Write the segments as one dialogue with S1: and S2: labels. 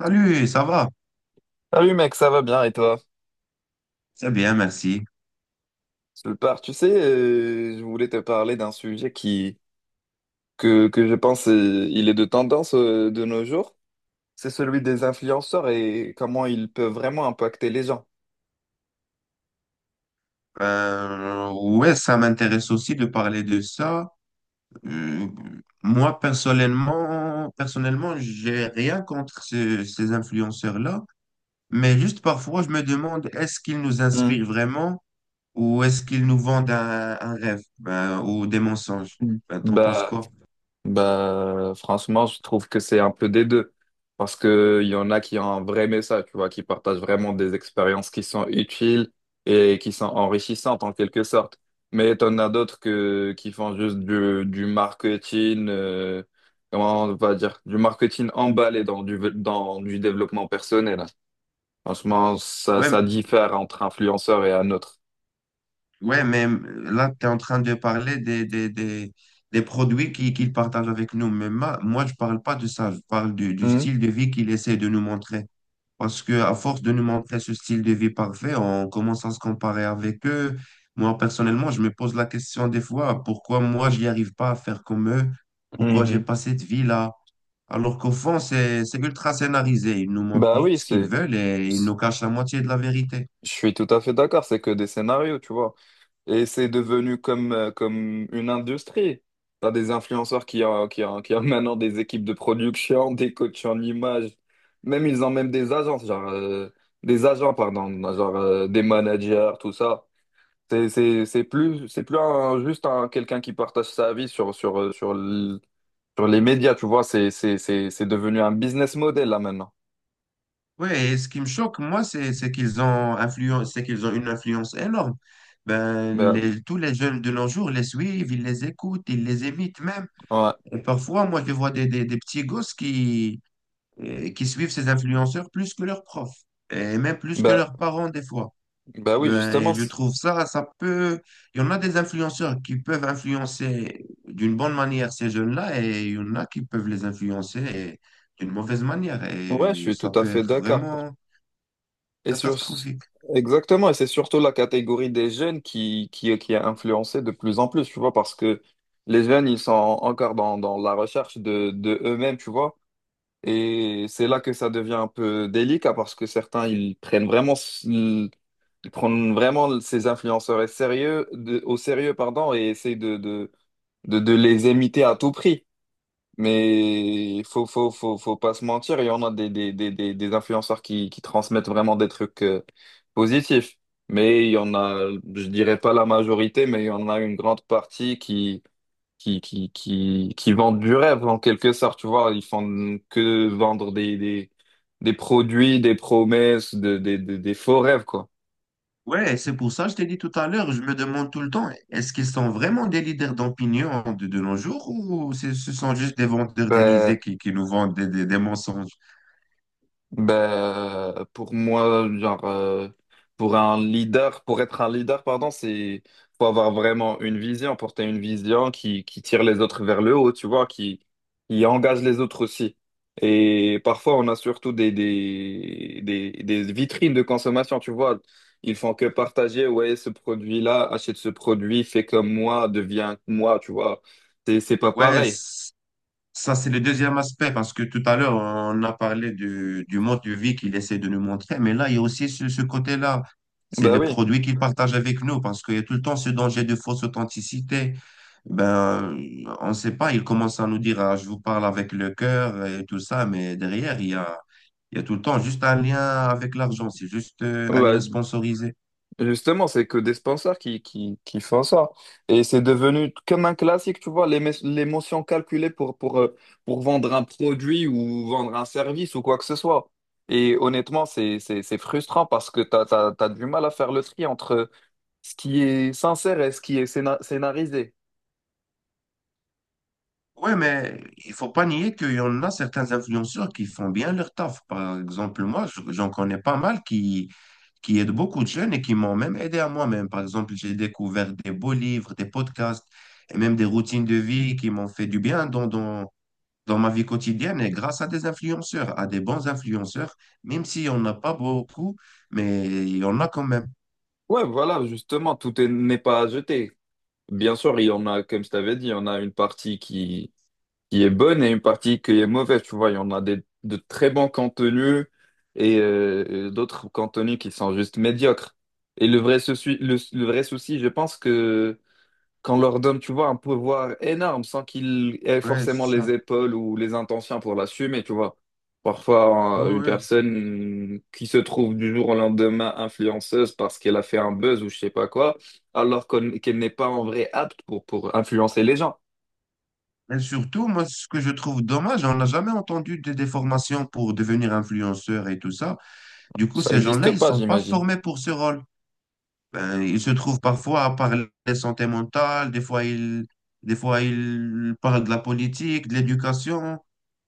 S1: Salut, ça va?
S2: Salut mec, ça va bien et toi?
S1: C'est bien, merci.
S2: Super. Tu sais, je voulais te parler d'un sujet que je pense il est de tendance de nos jours. C'est celui des influenceurs et comment ils peuvent vraiment impacter les gens.
S1: Ouais, ça m'intéresse aussi de parler de ça. Euh, moi, personnellement, j'ai rien contre ces influenceurs-là, mais juste parfois, je me demande, est-ce qu'ils nous
S2: Hmm.
S1: inspirent vraiment ou est-ce qu'ils nous vendent un rêve, ben, ou des mensonges? Ben, t'en penses
S2: Bah,
S1: quoi?
S2: Bah, franchement, je trouve que c'est un peu des deux. Parce que il y en a qui ont un vrai message, tu vois, qui partagent vraiment des expériences qui sont utiles et qui sont enrichissantes en quelque sorte. Mais t'en as d'autres que, qui font juste du marketing, comment on va dire, du marketing emballé dans du développement personnel. Franchement, ça,
S1: Ouais,
S2: ça diffère entre influenceur et un autre.
S1: ouais, mais là, tu es en train de parler des produits qu'il partage avec nous. Mais moi, je parle pas de ça. Je parle du
S2: Mhm,
S1: style de vie qu'il essaie de nous montrer. Parce que à force de nous montrer ce style de vie parfait, on commence à se comparer avec eux. Moi, personnellement, je me pose la question des fois, pourquoi moi, j'y arrive pas à faire comme eux? Pourquoi j'ai
S2: mhm.
S1: pas cette vie-là? Alors qu'au fond, c'est ultra scénarisé. Ils nous montrent
S2: Bah
S1: juste
S2: oui,
S1: ce qu'ils
S2: c'est,
S1: veulent et ils nous cachent la moitié de la vérité.
S2: je suis tout à fait d'accord, c'est que des scénarios, tu vois. Et c'est devenu comme, comme une industrie. T'as des influenceurs qui ont maintenant des équipes de production, des coachs en image. Même ils ont même des agences, genre, des agents, pardon, genre, des managers, tout ça. C'est plus un- juste un, quelqu'un qui partage sa vie sur sur les médias, tu vois. C'est devenu un business model, là, maintenant.
S1: Ouais, et ce qui me choque, moi, c'est qu'ils ont une influence énorme. Ben,
S2: Bah,
S1: tous les jeunes de nos jours les suivent, ils les écoutent, ils les imitent même.
S2: ouais.
S1: Et parfois, moi, je vois des petits gosses qui suivent ces influenceurs plus que leurs profs, et même plus que
S2: Bah,
S1: leurs parents des fois.
S2: bah oui,
S1: Ben, et
S2: justement.
S1: je trouve ça, ça peut. Il y en a des influenceurs qui peuvent influencer d'une bonne manière ces jeunes-là, et il y en a qui peuvent les influencer d'une mauvaise manière.
S2: Ouais, je
S1: Et
S2: suis
S1: ça
S2: tout à
S1: peut
S2: fait
S1: être
S2: d'accord.
S1: vraiment
S2: Et sur...
S1: catastrophique.
S2: Exactement, et c'est surtout la catégorie des jeunes qui est influencée de plus en plus, tu vois, parce que les jeunes, ils sont encore dans la recherche de eux-mêmes, tu vois, et c'est là que ça devient un peu délicat, parce que certains, ils prennent vraiment ces influenceurs sérieux, au sérieux, pardon, et essayent de les imiter à tout prix. Mais faut pas se mentir, il y en a des influenceurs qui transmettent vraiment des trucs positifs. Mais il y en a, je dirais pas la majorité, mais il y en a une grande partie qui vendent du rêve en quelque sorte, tu vois. Ils font que vendre des produits, des promesses, des faux rêves, quoi.
S1: Ouais, c'est pour ça que je t'ai dit tout à l'heure, je me demande tout le temps, est-ce qu'ils sont vraiment des leaders d'opinion de nos jours ou ce sont juste des vendeurs
S2: Ben,
S1: déguisés qui nous vendent des mensonges?
S2: Ben, pour moi, genre, pour être un leader, pardon, c'est, faut avoir vraiment une vision, porter une vision qui tire les autres vers le haut, tu vois, qui engage les autres aussi. Et parfois, on a surtout des vitrines de consommation, tu vois. Ils font que partager, ouais, ce produit-là, achète ce produit, fais comme moi, deviens moi, tu vois. C'est pas
S1: Ouais,
S2: pareil.
S1: ça, c'est le deuxième aspect, parce que tout à l'heure, on a parlé du mode de vie qu'il essaie de nous montrer, mais là, il y a aussi ce côté-là. C'est
S2: Ben
S1: les
S2: oui.
S1: produits qu'il partage avec nous, parce qu'il y a tout le temps ce danger de fausse authenticité. Ben, on ne sait pas, il commence à nous dire, ah, je vous parle avec le cœur et tout ça, mais derrière, il y a tout le temps juste un lien avec l'argent, c'est juste un lien
S2: Ouais,
S1: sponsorisé.
S2: justement, c'est que des sponsors qui font ça. Et c'est devenu comme un classique, tu vois, l'émotion calculée pour vendre un produit ou vendre un service ou quoi que ce soit. Et honnêtement, c'est frustrant parce que t'as du mal à faire le tri entre ce qui est sincère et ce qui est scénarisé.
S1: Ouais, mais il faut pas nier qu'il y en a certains influenceurs qui font bien leur taf. Par exemple, moi, j'en connais pas mal qui aident beaucoup de jeunes et qui m'ont même aidé à moi-même. Par exemple, j'ai découvert des beaux livres, des podcasts et même des routines de vie qui m'ont fait du bien dans ma vie quotidienne et grâce à des influenceurs, à des bons influenceurs, même si on n'a pas beaucoup, mais il y en a quand même.
S2: Ouais, voilà, justement, n'est pas à jeter. Bien sûr, il y en a, comme je t'avais dit, il y en a une partie qui est bonne et une partie qui est mauvaise. Tu vois, il y en a des, de très bons contenus et d'autres contenus qui sont juste médiocres. Et le vrai souci, le vrai souci, je pense que qu'on leur donne, tu vois, un pouvoir énorme sans qu'ils aient
S1: Ouais,
S2: forcément
S1: c'est
S2: les
S1: ça.
S2: épaules ou les intentions pour l'assumer, tu vois.
S1: Ouais,
S2: Parfois, une
S1: ouais.
S2: personne qui se trouve du jour au lendemain influenceuse parce qu'elle a fait un buzz ou je sais pas quoi, qu'elle n'est pas en vrai apte pour influencer les gens.
S1: Et surtout, moi, ce que je trouve dommage, on n'a jamais entendu des formations pour devenir influenceur et tout ça. Du coup,
S2: Ça
S1: ces
S2: n'existe
S1: gens-là, ils ne
S2: pas,
S1: sont pas
S2: j'imagine.
S1: formés pour ce rôle. Ben, ils se trouvent parfois à parler de santé mentale, des fois ils parlent de la politique, de l'éducation.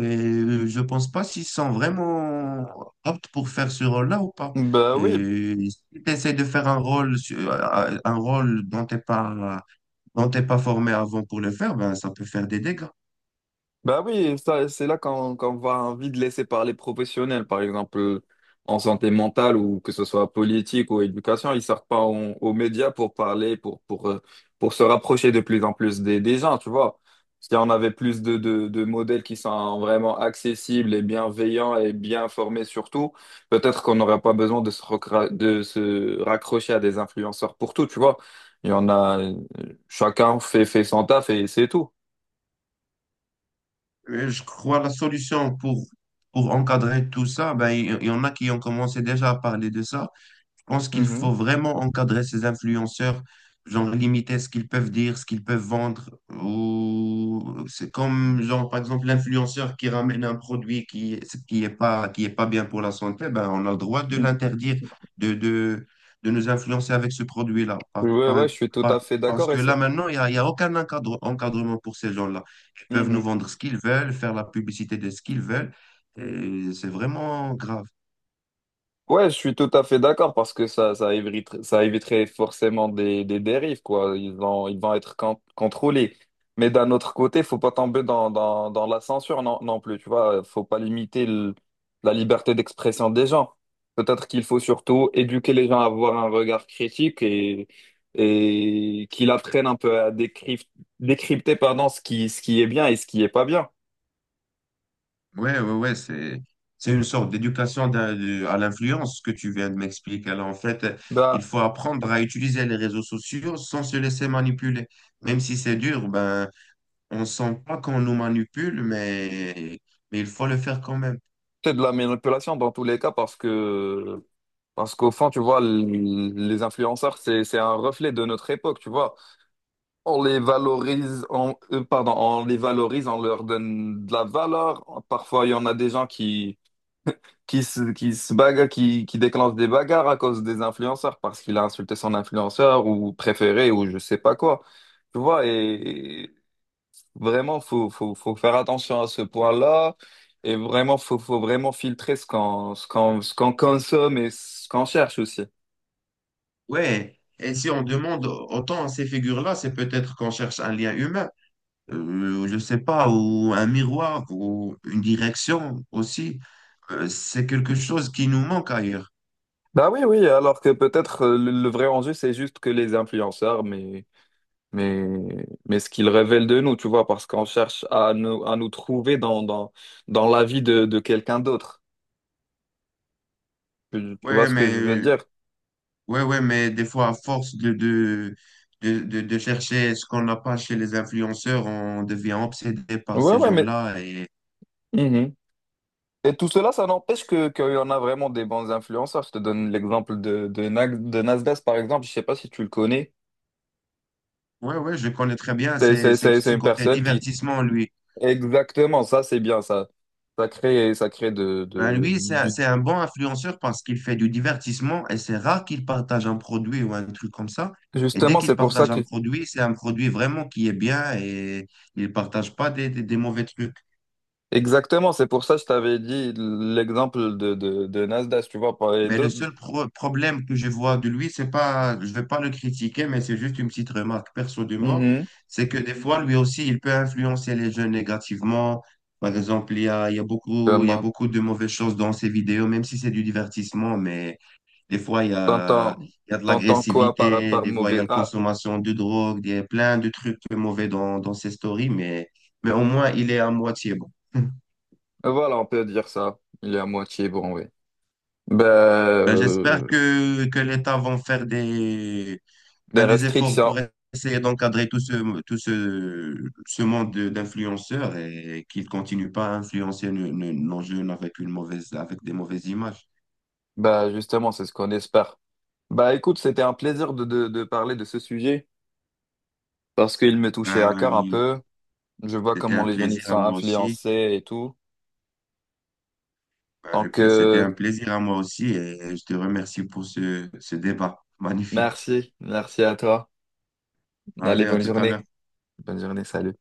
S1: Et je pense pas s'ils sont vraiment aptes pour faire ce rôle-là ou pas.
S2: Bah oui,
S1: Et si tu essaies de faire un rôle, un rôle dont t'es pas formé avant pour le faire, ben, ça peut faire des dégâts.
S2: bah oui, ça c'est là qu'on va envie de laisser parler professionnels, par exemple en santé mentale ou que ce soit politique ou éducation, ils sortent pas aux médias pour parler, pour pour se rapprocher de plus en plus des gens, tu vois. Si on avait plus de modèles qui sont vraiment accessibles et bienveillants et bien formés surtout, peut-être qu'on n'aurait pas besoin de se, de se raccrocher à des influenceurs pour tout, tu vois. Il y en a, chacun fait son taf et c'est tout.
S1: Et je crois la solution pour encadrer tout ça, ben, il y en a qui ont commencé déjà à parler de ça. Je pense qu'il faut vraiment encadrer ces influenceurs, genre limiter ce qu'ils peuvent dire, ce qu'ils peuvent vendre. Ou c'est comme genre par exemple l'influenceur qui ramène un produit qui est pas bien pour la santé, ben on a le droit de
S2: Mm.
S1: l'interdire, de, de de nous influencer avec ce produit-là.
S2: Ouais, ouais, je suis tout à
S1: Par-
S2: fait
S1: Parce
S2: d'accord
S1: que
S2: et
S1: là
S2: ça.
S1: maintenant il y a aucun encadrement pour ces gens-là. Ils peuvent nous
S2: Mhm.
S1: vendre ce qu'ils veulent, faire la publicité de ce qu'ils veulent. Et c'est vraiment grave.
S2: Ouais, je suis tout à fait d'accord parce que ça éviterait, ça éviterait forcément des dérives, quoi. Ils vont être contrôlés. Mais d'un autre côté, faut pas tomber dans la censure non, non plus, tu vois. Faut pas limiter le- la liberté d'expression des gens. Peut-être qu'il faut surtout éduquer les gens à avoir un regard critique et qu'ils apprennent un peu à décrypter, décrypter, pardon, ce qui est bien et ce qui est pas bien.
S1: Ouais, ouais, ouais, c'est une sorte d'éducation à l'influence que tu viens de m'expliquer. Alors, en fait, il
S2: Bah,
S1: faut apprendre à utiliser les réseaux sociaux sans se laisser manipuler. Même si c'est dur, ben, on sent pas qu'on nous manipule, mais il faut le faire quand même.
S2: C'est de la manipulation dans tous les cas parce qu'au fond, tu vois, les influenceurs, c'est un reflet de notre époque, tu vois. On les valorise, on les valorise, on leur donne de la valeur. Parfois, il y en a des gens qui se bagarrent, qui déclenchent des bagarres à cause des influenceurs parce qu'il a insulté son influenceur ou préféré ou je sais pas quoi. Tu vois, et vraiment, faut faire attention à ce point-là. Et vraiment, faut vraiment filtrer ce qu'on consomme et ce qu'on cherche aussi.
S1: Ouais, et si on demande autant à ces figures-là, c'est peut-être qu'on cherche un lien humain, je sais pas, ou un miroir, ou une direction aussi. C'est quelque chose qui nous manque ailleurs.
S2: Bah oui, oui, alors que peut-être le vrai enjeu, c'est juste que les influenceurs, mais, mais ce qu'ils révèlent de nous, tu vois, parce qu'on cherche à nous trouver dans la vie de quelqu'un d'autre. Tu vois
S1: Ouais,
S2: ce que je veux
S1: mais
S2: dire?
S1: Ouais, ouais, mais des fois, à force de chercher ce qu'on n'a pas chez les influenceurs, on devient obsédé par
S2: Ouais,
S1: ces
S2: ouais, mais.
S1: gens-là. Et
S2: Mhm. Et tout cela, ça n'empêche que qu'il y en a vraiment des bons influenceurs. Je te donne l'exemple de Nasdaq, par exemple. Je sais pas si tu le connais.
S1: ouais, ouais, je connais très bien
S2: C'est c'est- c'est- c'est
S1: ces
S2: une
S1: côtés
S2: personne qui...
S1: divertissement, lui.
S2: Exactement, ça, c'est bien. Ça, ça crée
S1: Ben, lui,
S2: du...
S1: c'est un bon influenceur parce qu'il fait du divertissement et c'est rare qu'il partage un produit ou un truc comme ça. Et dès
S2: Justement, c'est
S1: qu'il
S2: pour ça
S1: partage
S2: que...
S1: un produit, c'est un produit vraiment qui est bien et il partage pas des mauvais trucs.
S2: Exactement, c'est pour ça que je t'avais dit l'exemple de Nasdaq, tu vois, par les
S1: Mais le
S2: d'autres.
S1: seul problème que je vois de lui, c'est pas, je vais pas le critiquer, mais c'est juste une petite remarque perso de moi,
S2: Mhm.
S1: c'est que des fois, lui aussi, il peut influencer les jeunes négativement. Par exemple, il y a
S2: Comment?
S1: beaucoup de mauvaises choses dans ses vidéos, même si c'est du divertissement, mais des fois,
S2: T'entends,
S1: il y a de
S2: t'entends quoi par,
S1: l'agressivité,
S2: par
S1: des fois, il y a
S2: mauvais...
S1: la
S2: Ah,
S1: consommation de drogue, il y a plein de trucs mauvais dans ses stories, mais au moins, il est à moitié bon.
S2: voilà, on peut dire ça. Il est à moitié bon, oui. Ben...
S1: Ben, j'espère
S2: euh,
S1: que l'État va faire
S2: Des
S1: ben, des efforts pour
S2: restrictions.
S1: essayer d'encadrer ce monde d'influenceurs et qu'ils ne continuent pas à influencer nos jeunes avec avec des mauvaises images.
S2: Bah justement, c'est ce qu'on espère. Bah écoute, c'était un plaisir de parler de ce sujet parce qu'il me touchait à cœur un
S1: Ben,
S2: peu. Je vois
S1: c'était
S2: comment
S1: un
S2: les jeunes y
S1: plaisir à
S2: sont
S1: moi aussi.
S2: influencés et tout.
S1: Ben,
S2: Donc
S1: c'était un
S2: euh,
S1: plaisir à moi aussi et je te remercie pour ce débat magnifique.
S2: merci, merci à toi. Allez,
S1: Allez, à
S2: bonne
S1: tout à
S2: journée.
S1: l'heure.
S2: Bonne journée, salut.